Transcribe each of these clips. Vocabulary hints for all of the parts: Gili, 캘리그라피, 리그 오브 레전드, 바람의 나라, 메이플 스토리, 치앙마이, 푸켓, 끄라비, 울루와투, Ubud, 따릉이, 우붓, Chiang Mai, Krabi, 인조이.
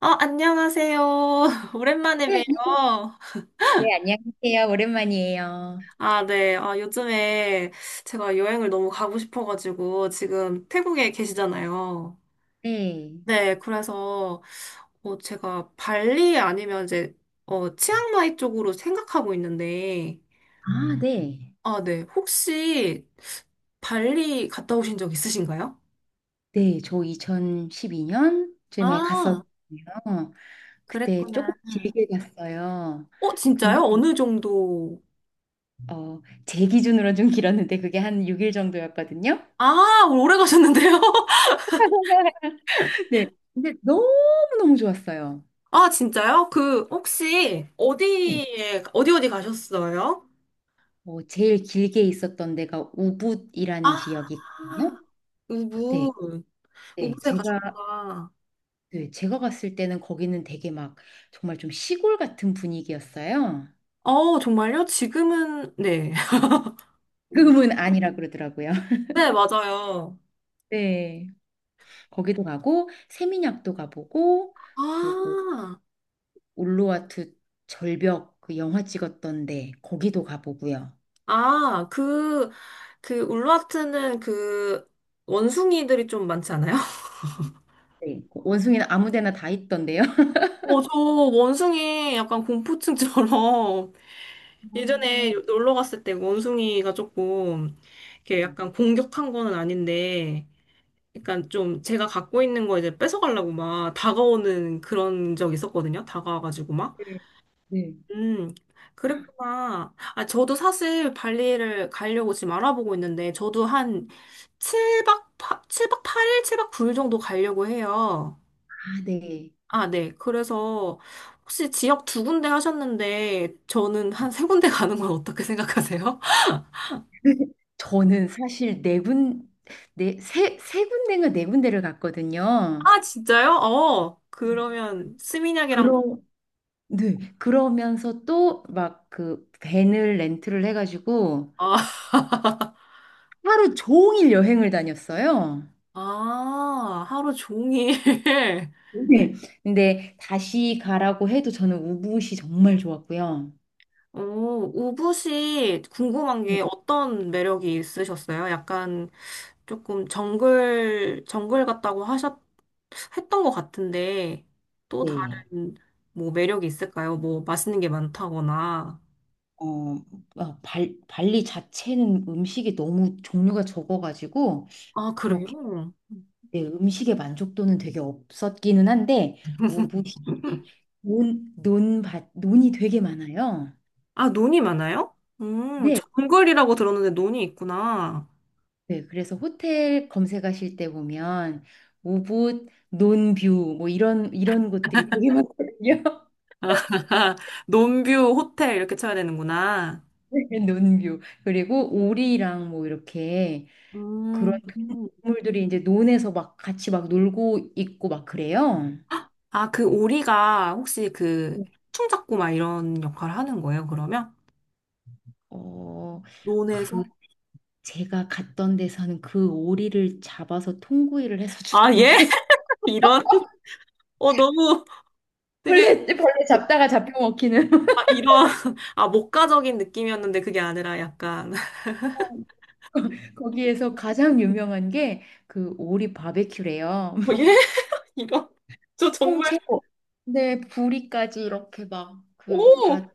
안녕하세요. 오랜만에 네, 봬요. 네, 안녕하세요. 오랜만이에요. 아, 네. 아, 요즘에 제가 여행을 너무 가고 싶어가지고 지금 태국에 계시잖아요. 네. 네, 그래서 제가 발리 아니면 이제 치앙마이 쪽으로 생각하고 있는데, 아, 네. 아, 네. 혹시 발리 갔다 오신 적 있으신가요? 네, 저 2012년쯤에 아, 갔었거든요. 그때 조금 그랬구나. 길게 갔어요. 진짜요? 근데, 어느 정도? 어, 제 기준으로 좀 길었는데 그게 한 6일 정도였거든요. 아, 오래 가셨는데요? 네. 근데 너무너무 좋았어요. 아, 진짜요? 그, 혹시, 네. 어디 어디 가셨어요? 제일 길게 있었던 데가 우붓이라는 아, 지역이거든요. 네. 우붓. 네. 우붓에 제가 가셨구나. 네, 제가 갔을 때는 거기는 되게 막 정말 좀 시골 같은 분위기였어요. 정말요? 지금은, 네. 금은 아니라 그러더라고요. 네, 맞아요. 네. 거기도 가고 세민약도 가보고, 그리고 아, 울루와투 절벽 그 영화 찍었던 데 거기도 가보고요. 아, 그, 울라트는 그, 원숭이들이 좀 많지 않아요? 네. 그 원숭이는 아무 데나 다 있던데요. 저 원숭이 약간 공포증처럼 아, 예전에 놀러 갔을 때 원숭이가 조금 이렇게 음. 약간 공격한 거는 아닌데 약간 좀 제가 갖고 있는 거 이제 뺏어가려고 막 다가오는 그런 적 있었거든요. 다가와가지고 막. 네. 네. 음, 그랬구나. 아, 저도 사실 발리를 가려고 지금 알아보고 있는데, 저도 한 7박, 칠박 8일, 7박 9일 정도 가려고 해요. 아, 네. 아, 네. 그래서 혹시 지역 두 군데 하셨는데, 저는 한 세 군데 가는 건 어떻게 생각하세요? 저는 사실 네, 세 군데인가 네 군데를 갔거든요. 아, 진짜요? 그러면 스미냑이랑, 그럼 네. 그러면서 또 막 그 밴을 렌트를 해가지고 아, 하루 종일 여행을 다녔어요. 아, 하루 종일. 네. 근데 다시 가라고 해도 저는 우붓이 정말 좋았고요. 오, 우붓이 궁금한 게 어떤 매력이 있으셨어요? 약간 조금 정글 같다고 했던 것 같은데, 또 네. 다른 뭐 매력이 있을까요? 뭐 맛있는 게 많다거나. 어, 발리 자체는 음식이 너무 종류가 적어가지고 아, 그렇게 그래요? 네, 음식의 만족도는 되게 없었기는 한데, 우붓이 논이 되게 많아요. 아, 논이 많아요? 네. 정글이라고 들었는데 논이 있구나. 네, 그래서 호텔 검색하실 때 보면 우붓, 논뷰 뭐 이런 곳들이 되게 많거든요. 논뷰 호텔 이렇게 쳐야 되는구나. 네, 논뷰, 그리고 오리랑 뭐 이렇게 그런 음, 동물들이 이제 논에서 막 같이 막 놀고 있고 막 그래요. 아, 그 오리가 혹시 그 해충 잡고 막 이런 역할을 하는 거예요, 그러면? 어, 논에서? 그 제가 갔던 데서는 그 오리를 잡아서 통구이를 해서 아, 예? 주던데. 이런? 너무 되게, 벌레 뭐- 잡다가 잡혀 먹히는. 아, 이런, 아, 목가적인 느낌이었는데 그게 아니라 약간, 거기에서 가장 유명한 게 그 오리 바베큐래요. 예? 이런? 저 정말, 통째로. 네, 부리까지 이렇게 막 그 다 오!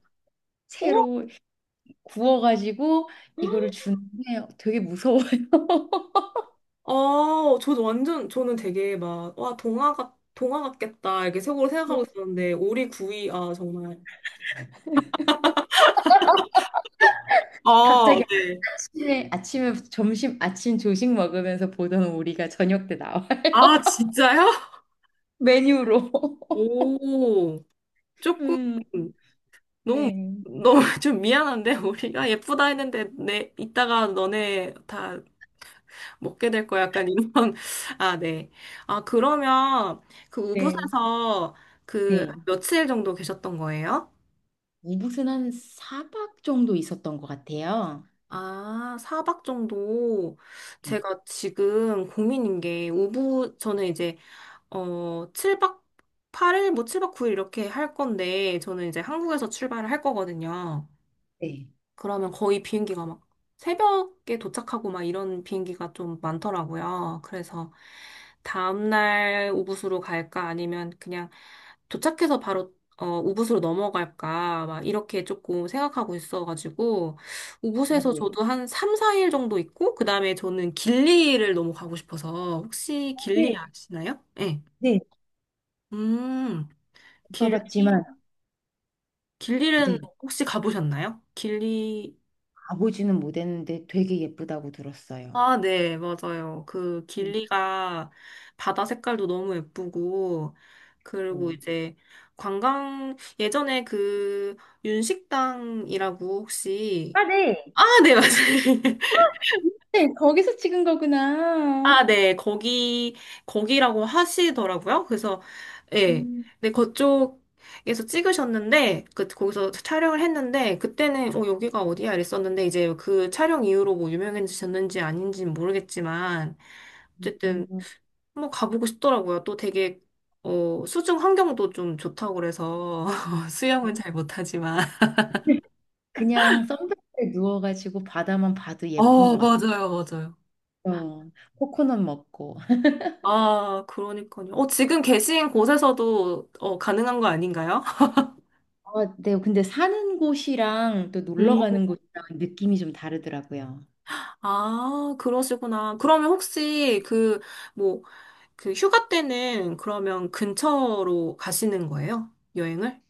오! 채로 구워가지고 이거를 주는데 되게 무서워요. 저 완전, 저는 되게 막, 와, 동화 같겠다, 이렇게 속으로 생각하고 있었는데, 오리 구이, 아, 정말. 갑자기 네. 아침에 아침에 점심 아침 조식 먹으면서 보던 오리가 저녁 때 나와 아, 진짜요? 메뉴로. 오, 조금. 음, 너무 네, 너무 좀 미안한데 우리가 예쁘다 했는데 내 이따가 너네 다 먹게 될 거야 약간 이런 아, 네. 아, 그러면 그 네, 우붓에서 그 네. 며칠 정도 계셨던 거예요? 무은한 4박 정도 있었던 것 같아요. 아, 4박 정도. 네, 제가 지금 고민인 게 우붓 저는 이제 7박 8일 뭐 7박 9일 이렇게 할 건데 저는 이제 한국에서 출발을 할 거거든요. 네. 그러면 거의 비행기가 막 새벽에 도착하고 막 이런 비행기가 좀 많더라고요. 그래서 다음날 우붓으로 갈까 아니면 그냥 도착해서 바로 우붓으로 넘어갈까 막 이렇게 조금 생각하고 있어가지고 우붓에서 저도 한 3, 4일 정도 있고 그다음에 저는 길리를 너무 가고 싶어서 혹시 길리 네. 아시나요? 네. 네. 음, 길리, 가봤지만 길리는 네, 혹시 가보셨나요? 길리 가보지는 못했는데 되게 예쁘다고 들었어요. 아, 네, 맞아요. 그 네. 길리가 바다 색깔도 너무 예쁘고, 그리고 어. 이제 예전에 그 윤식당이라고 혹시, 아, 네. 아, 네, 맞아요. 네, 거기서 찍은 거구나. 아, 네. 거기라고 하시더라고요. 그래서, 예. 네, 그쪽에서 찍으셨는데, 그, 거기서 촬영을 했는데, 그때는, 여기가 어디야? 이랬었는데, 이제 그 촬영 이후로 뭐 유명해지셨는지 아닌지는 모르겠지만, 음, 어쨌든, 음, 뭐 가보고 싶더라고요. 또 되게, 수중 환경도 좀 좋다고 그래서, 수영은 잘 못하지만. 그냥 선베드에 누워가지고 바다만 봐도 예쁜 어, 것 맞아요, 맞아요. 같아요. 코코넛 먹고. 아, 그러니까요. 지금 계신 곳에서도, 가능한 거 아닌가요? 아, 네, 근데 사는 곳이랑 또 놀러 음, 가는 곳이랑 느낌이 좀 다르더라고요. 아, 그러시구나. 그러면 혹시 그, 뭐, 그 휴가 때는 그러면 근처로 가시는 거예요? 여행을?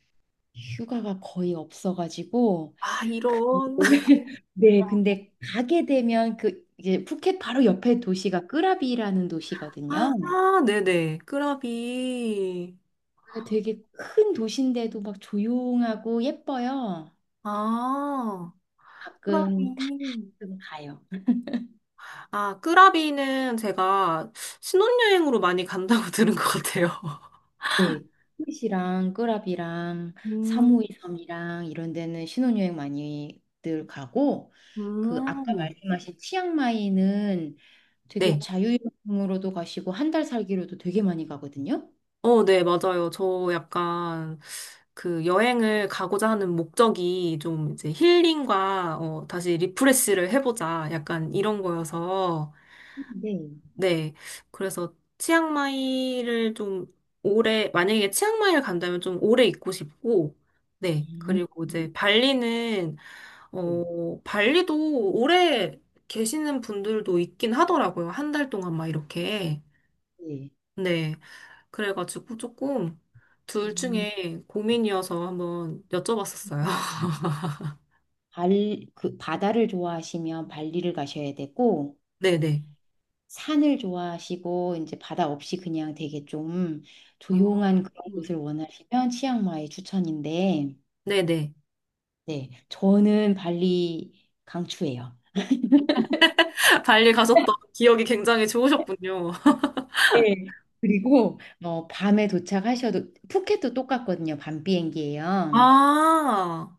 휴가가 거의 없어가지고 아, 이런. 네, 근데 가게 되면 그 이제 푸켓 바로 옆에 도시가 끄라비라는 도시거든요. 아, 네네. 끄라비. 그게 되게 큰 도시인데도 막 조용하고 예뻐요. 아, 가끔 끄라비. 가끔 가요. 아, 끄라비는 제가 신혼여행으로 많이 간다고 들은 것 같아요. 네. 푸켓이랑 끄라비랑 사 음, 5이 섬이랑 이런 데는 신혼여행 많이들 가고, 그 아까 음. 말씀하신 치앙마이는 되게 네. 자유여행으로도 가시고 한 달 살기로도 되게 많이 가거든요. 어, 네, 맞아요. 저 약간 그 여행을 가고자 하는 목적이 좀 이제 힐링과 다시 리프레시를 해보자. 약간 이런 거여서. 네. 네. 그래서 치앙마이를 좀 오래, 만약에 치앙마이를 간다면 좀 오래 있고 싶고, 네. 음. 그리고 이제 발리는, 네. 발리도 오래 계시는 분들도 있긴 하더라고요. 한 달 동안 막 이렇게. 네. 네. 그래가지고 조금 둘 음, 중에 고민이어서 한번 여쭤봤었어요. 발, 그 바다를 좋아하시면 발리를 가셔야 되고, 네네. 산을 좋아하시고 이제 바다 없이 그냥 되게 좀 음, 조용한 그런 음. 곳을 원하시면 치앙마이 추천인데, 네네. 네, 저는 발리 강추예요. 발리 가셨던 기억이 굉장히 좋으셨군요. 네. 그리고 밤에 도착하셔도 푸켓도 똑같거든요. 밤 비행기예요. 아,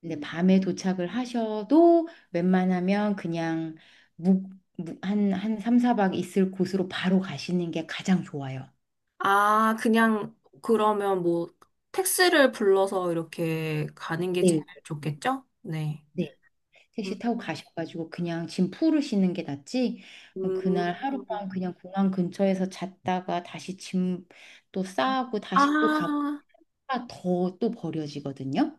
근데 밤에 도착을 하셔도 웬만하면 그냥 묵, 한 3, 4박 있을 곳으로 바로 가시는 게 가장 좋아요. 아, 그냥 그러면 뭐 택시를 불러서 이렇게 가는 게 제일 네. 좋겠죠? 네. 네. 음, 택시 타고 가셔가지고 그냥 짐 풀으시는 게 낫지. 음, 그날 하룻밤 그냥 공항 근처에서 잤다가 다시 짐 또 싸고 다시 또 가고 아, 더 또 버려지거든요.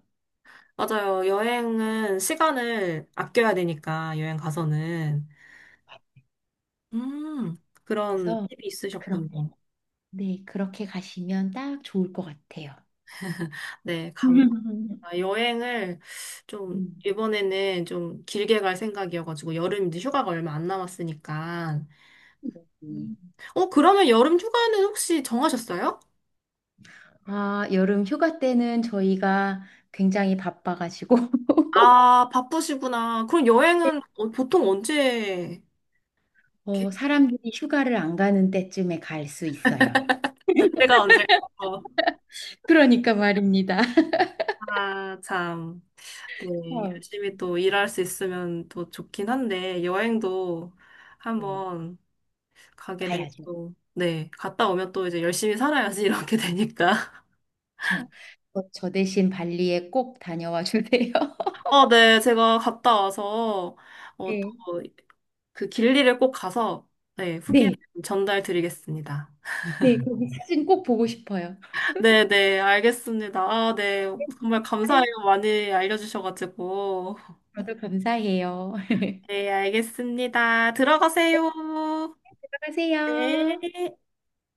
맞아요. 여행은 시간을 아껴야 되니까, 여행 가서는. 음, 그런 그래서 팁이 그렇게, 있으셨군요. 네, 그렇게 가시면 딱 좋을 것 같아요. 네, 감, 아, 여행을 좀, 음. 이번에는 좀 길게 갈 생각이어가지고, 여름 이제 휴가가 얼마 안 남았으니까. 네. 음. 그러면 여름 휴가는 혹시 정하셨어요? 아, 여름 휴가 때는 저희가 굉장히 바빠가지고 아, 바쁘시구나. 그럼 여행은 보통 언제, 게- 사람들이 휴가를 안 가는 때쯤에 갈 수 있어요. 그때가 언제? 그러니까 말입니다. 아, 참. 네, 열심히 또 일할 수 있으면 또 좋긴 한데, 여행도 어, 네. 한번 가게 가야죠. 되고, 네, 갔다 오면 또 이제 열심히 살아야지 이렇게 되니까. 저 대신 발리에 꼭 다녀와 주세요. 아, 네, 제가 갔다 와서, 또 네. 그 길리를 꼭 가서, 네, 후기 네, 전달 드리겠습니다. 네, 거기 사진 꼭 보고 싶어요. 네, 네, 알겠습니다. 아, 네, 정말 아유, 감사해요. 많이 알려주셔가지고. 저도 감사해요. 네, 알겠습니다. 들어가세요. 들어가세요. 네.